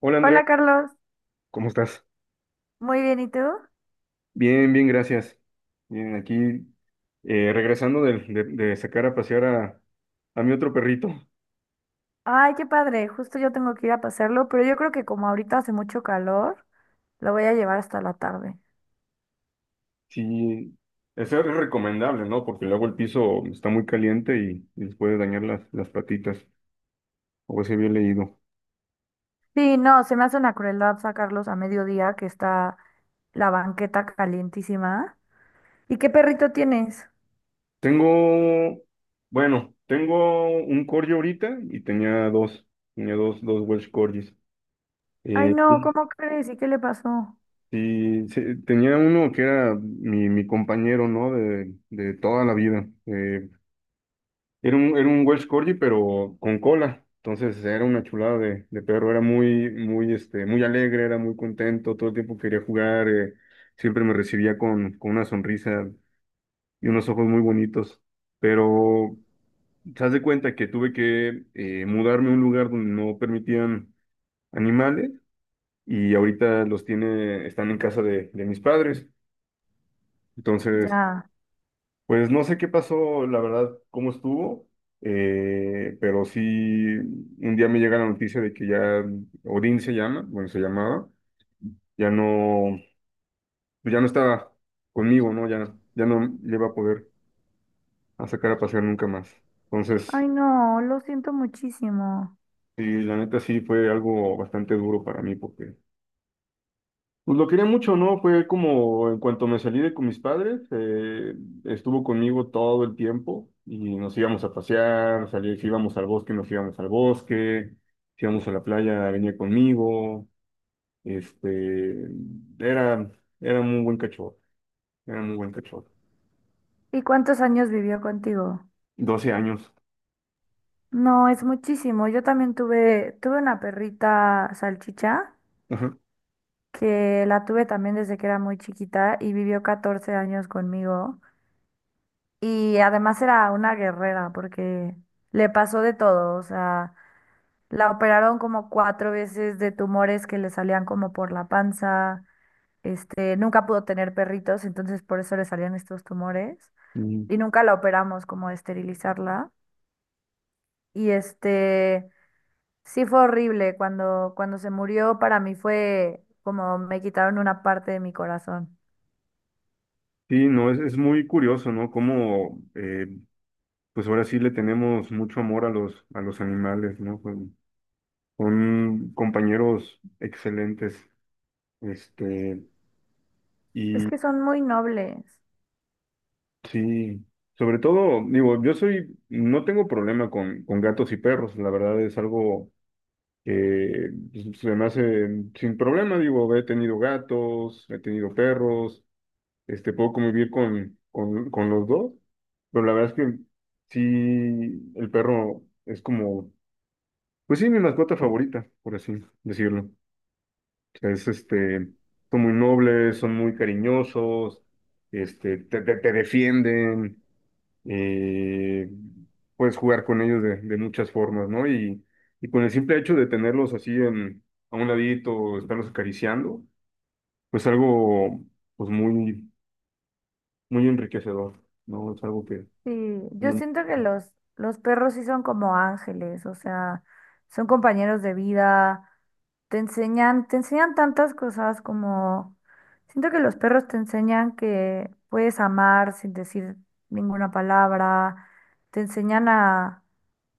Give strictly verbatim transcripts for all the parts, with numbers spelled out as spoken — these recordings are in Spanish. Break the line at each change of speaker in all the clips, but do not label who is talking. Hola Andrea,
Hola Carlos,
¿cómo estás?
muy bien, ¿y tú?
Bien, bien, gracias. Bien, aquí eh, regresando de, de- de sacar a pasear a, a mi otro perrito.
Ay, qué padre, justo yo tengo que ir a pasarlo, pero yo creo que como ahorita hace mucho calor, lo voy a llevar hasta la tarde.
Sí, eso es recomendable, ¿no? Porque luego el piso está muy caliente y, y les puede dañar las, las patitas, o así había leído.
Sí, no, se me hace una crueldad sacarlos a mediodía que está la banqueta calientísima. ¿Y qué perrito tienes?
Tengo, bueno, tengo un corgi ahorita y tenía dos, tenía dos, dos Welsh Corgis.
Ay,
Eh,
no, ¿cómo crees? ¿Y qué le pasó?
Sí, sí, tenía uno que era mi, mi compañero, ¿no? De, de toda la vida. Eh, era un, era un Welsh Corgi, pero con cola. Entonces era una chulada de, de perro. Era muy, muy, este, muy alegre, era muy contento. Todo el tiempo quería jugar. eh, siempre me recibía con, con una sonrisa y unos ojos muy bonitos. Pero te das de cuenta que tuve que eh, mudarme a un lugar donde no permitían animales y ahorita los tiene, están en casa de, de mis padres. Entonces,
Ya.
Pues no sé qué pasó, la verdad, cómo estuvo, eh, pero sí, un día me llega la noticia de que ya Odín se llama, bueno, se llamaba, ya no, pues ya no estaba conmigo, ¿no? Ya, ya no le iba a poder a sacar a pasear nunca más. Entonces,
Ay, no, lo siento muchísimo.
sí, la neta sí fue algo bastante duro para mí porque Pues lo quería mucho, ¿no? Fue como en cuanto me salí de con mis padres, eh, estuvo conmigo todo el tiempo y nos íbamos a pasear, salí, si íbamos al bosque, nos íbamos al bosque, si íbamos a la playa, venía conmigo, este, era, era muy buen cachorro, era muy buen cachorro.
¿Y cuántos años vivió contigo?
Doce años.
No, es muchísimo. Yo también tuve, tuve una perrita salchicha,
Ajá.
que la tuve también desde que era muy chiquita y vivió catorce años conmigo. Y además era una guerrera porque le pasó de todo, o sea, la operaron como cuatro veces de tumores que le salían como por la panza, este, nunca pudo tener perritos, entonces por eso le salían estos tumores
Mm.
y nunca la operamos como de esterilizarla. Y este, sí fue horrible, cuando, cuando se murió para mí fue como me quitaron una parte de mi corazón.
Sí, no, es, es muy curioso, ¿no? Cómo, eh, pues ahora sí le tenemos mucho amor a los, a los animales, ¿no? Son, son compañeros excelentes. Este,
Es
y
que son muy nobles.
sí, sobre todo, digo, yo soy, no tengo problema con, con gatos y perros, la verdad es algo que pues, se me hace sin problema, digo, he tenido gatos, he tenido perros, este, puedo convivir con, con, con los dos, pero la verdad es que sí, el perro es como, pues sí, mi mascota favorita, por así decirlo. Es este, Son muy nobles, son muy cariñosos, este, te, te- te defienden, eh, puedes jugar con ellos de, de muchas formas, ¿no? Y, y con el simple hecho de tenerlos así en, a un ladito, estarlos acariciando, pues algo pues muy, muy enriquecedor, ¿no? Es algo que
Sí, yo
no,
siento que los, los perros sí son como ángeles, o sea, son compañeros de vida, te enseñan, te enseñan tantas cosas, como, siento que los perros te enseñan que puedes amar sin decir ninguna palabra, te enseñan a,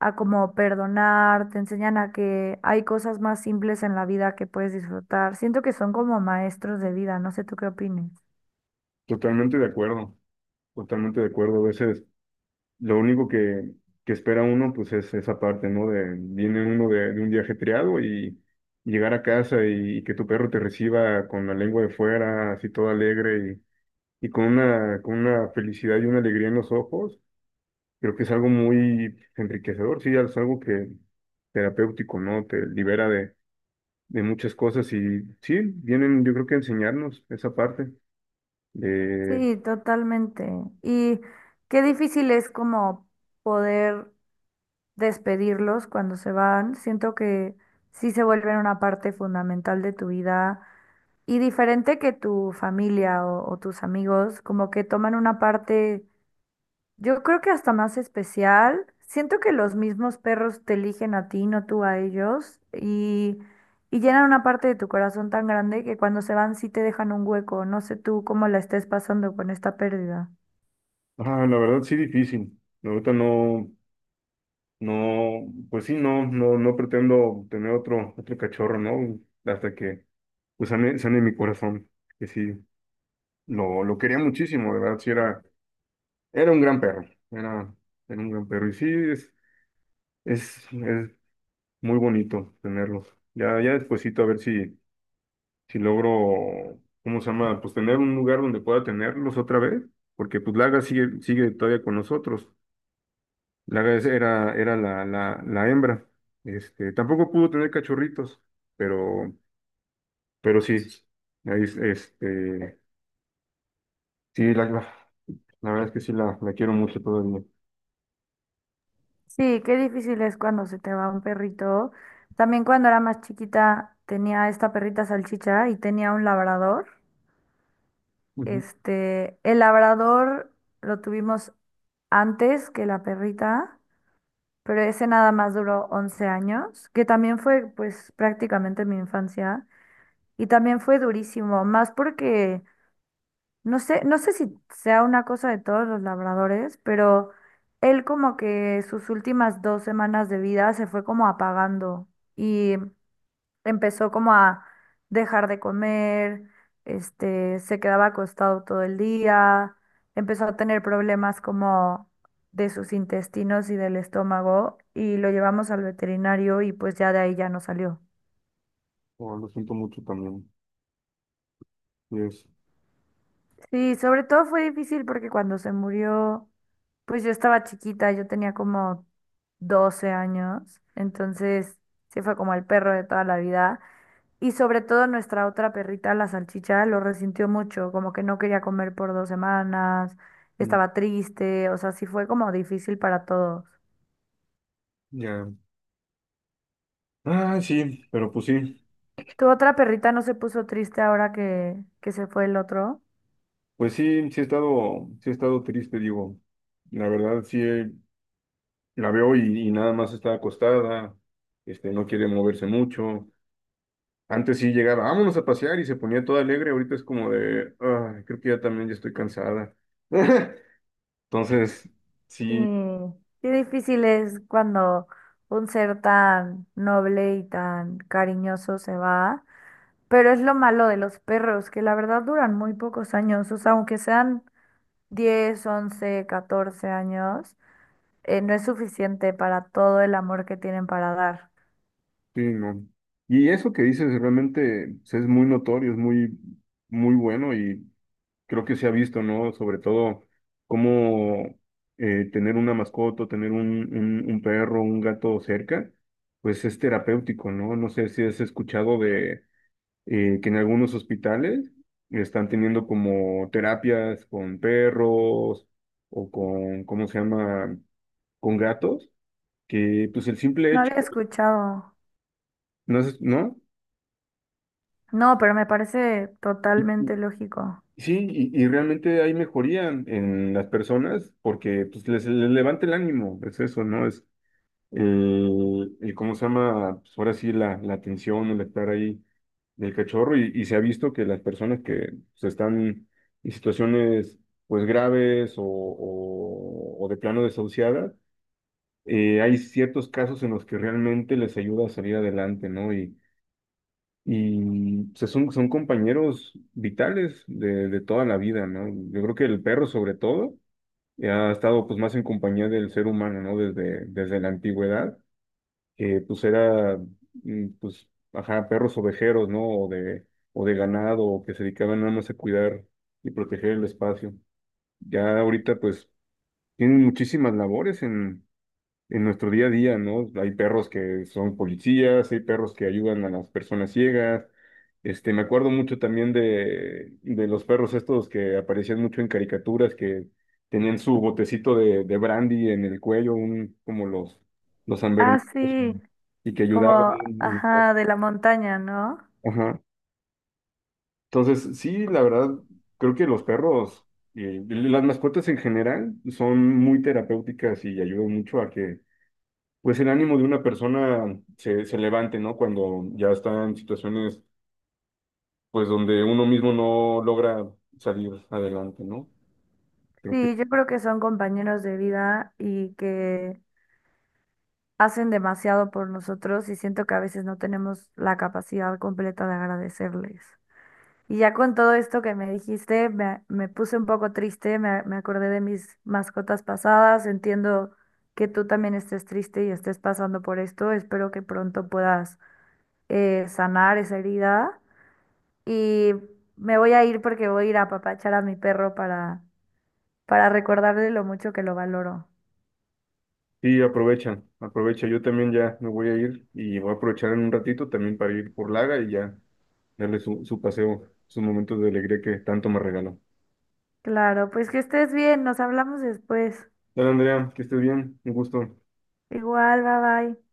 a como perdonar, te enseñan a que hay cosas más simples en la vida que puedes disfrutar. Siento que son como maestros de vida, no sé tú qué opines.
totalmente de acuerdo, totalmente de acuerdo. A veces lo único que, que espera uno, pues es esa parte, ¿no? De, viene uno de, de un día ajetreado y llegar a casa y, que tu perro te reciba con la lengua de fuera, así todo alegre y, y con una, con una felicidad y una alegría en los ojos, creo que es algo muy enriquecedor, sí, es algo que terapéutico, ¿no? Te libera de, de muchas cosas y sí, vienen, yo creo que a enseñarnos esa parte de,
Sí, totalmente. Y qué difícil es como poder despedirlos cuando se van. Siento que sí se vuelven una parte fundamental de tu vida y diferente que tu familia o, o tus amigos, como que toman una parte, yo creo que hasta más especial. Siento que los mismos perros te eligen a ti, no tú a ellos, y y llenan una parte de tu corazón tan grande que cuando se van sí te dejan un hueco. No sé tú cómo la estés pasando con esta pérdida.
ah, la verdad sí difícil. Ahorita no. No, pues sí, no, no, no pretendo tener otro, otro cachorro, ¿no? Hasta que pues sane, sane mi corazón, que sí, lo, lo quería muchísimo, de verdad, sí era, era un gran perro, era, era un gran perro, y sí, es, es, es muy bonito tenerlos. Ya, ya despuesito a ver si, si logro, ¿cómo se llama? Pues tener un lugar donde pueda tenerlos otra vez, porque pues Laga sigue, sigue todavía con nosotros. La res era, era la, la, la hembra. Este, tampoco pudo tener cachorritos, pero, pero sí. ahí es- Este, sí, la, la, la verdad es que sí la, la quiero mucho todavía.
Sí, qué difícil es cuando se te va un perrito. También cuando era más chiquita tenía esta perrita salchicha y tenía un labrador.
Ujú.
Este, el labrador lo tuvimos antes que la perrita, pero ese nada más duró once años, que también fue pues prácticamente mi infancia y también fue durísimo, más porque No sé, no sé si sea una cosa de todos los labradores, pero él como que sus últimas dos semanas de vida se fue como apagando y empezó como a dejar de comer, este, se quedaba acostado todo el día, empezó a tener problemas como de sus intestinos y del estómago y lo llevamos al veterinario y pues ya de ahí ya no salió.
Oh, lo siento mucho también. Sí, es-
Sí, sobre todo fue difícil porque cuando se murió, pues yo estaba chiquita, yo tenía como doce años, entonces sí fue como el perro de toda la vida. Y sobre todo nuestra otra perrita, la salchicha, lo resintió mucho, como que no quería comer por dos semanas,
mm,
estaba triste, o sea, sí fue como difícil para todos.
ya. Ah, sí, pero pues sí.
¿Tu otra perrita no se puso triste ahora que, que se fue el otro?
Pues sí, sí he estado, sí he estado triste, digo. La verdad, sí, eh, la veo y, y nada más está acostada. Este, no quiere moverse mucho. Antes sí llegaba, vámonos a pasear y se ponía toda alegre, ahorita es como de, "Ay, creo que ya también ya estoy cansada". Entonces,
Sí,
sí,
qué difícil es cuando un ser tan noble y tan cariñoso se va, pero es lo malo de los perros, que la verdad duran muy pocos años, o sea, aunque sean diez, once, catorce años, eh, no es suficiente para todo el amor que tienen para dar.
sí, no. Y eso que dices realmente pues, es muy notorio, es muy, muy bueno y creo que se ha visto, ¿no? Sobre todo cómo eh, tener una mascota, tener un, un, un perro, un gato cerca, pues es terapéutico, ¿no? No sé si has escuchado de eh, que en algunos hospitales están teniendo como terapias con perros o con, ¿cómo se llama? Con gatos, que pues el simple
No
hecho,
había escuchado.
no es, ¿no?
No, pero me parece
Y-
totalmente
y-
lógico.
Sí, y, y realmente hay mejoría en las personas porque pues les, les levanta el ánimo, es eso, ¿no? Es eh, el, ¿Cómo se llama? Pues ahora sí, la, la atención, el estar ahí del cachorro y, y se ha visto que las personas que se están en situaciones pues graves o, o- o de plano desahuciadas, eh, hay ciertos casos en los que realmente les ayuda a salir adelante, ¿no? Y, y o sea, son, son compañeros vitales de, de toda la vida, ¿no? Yo creo que el perro sobre todo eh, ha estado pues más en compañía del ser humano, ¿no? Desde, desde la antigüedad que pues era, mm, pues, ajá, perros ovejeros, ¿no? O de, o de ganado, o que se dedicaban nada más a cuidar y proteger el espacio. Ya ahorita, pues, tienen muchísimas labores en, en nuestro día a día, ¿no? Hay perros que son policías, hay perros que ayudan a las personas ciegas. Este, me acuerdo mucho también de, de los perros estos que aparecían mucho en caricaturas, que tenían su botecito de, de brandy en el cuello, un, como los, los San
Ah,
Bernardos,
sí,
y que ayudaban.
como,
en- en-
ajá, de la montaña, ¿no?
Ajá. Entonces, sí, la verdad, creo que los perros y las mascotas en general son muy terapéuticas y ayudan mucho pues el ánimo de una persona se, se levante, ¿no? Cuando ya está en situaciones, pues donde uno mismo no logra salir adelante, ¿no? Creo que
Sí, yo creo que son compañeros de vida y que hacen demasiado por nosotros y siento que a veces no tenemos la capacidad completa de agradecerles. Y ya con todo esto que me dijiste, me, me puse un poco triste, me, me acordé de mis mascotas pasadas, entiendo que tú también estés triste y estés pasando por esto, espero que pronto puedas eh, sanar esa herida y me voy a ir porque voy a ir a apapachar a mi perro para, para recordarle lo mucho que lo valoro.
sí, aprovecha, aprovecha. Yo también ya me voy a ir y voy a aprovechar en un ratito también para ir por Laga y ya darle su, su paseo, sus momentos de alegría que tanto me regaló.
Claro, pues que estés bien, nos hablamos después.
Dale, Andrea, que estés bien, un gusto.
Igual, bye bye.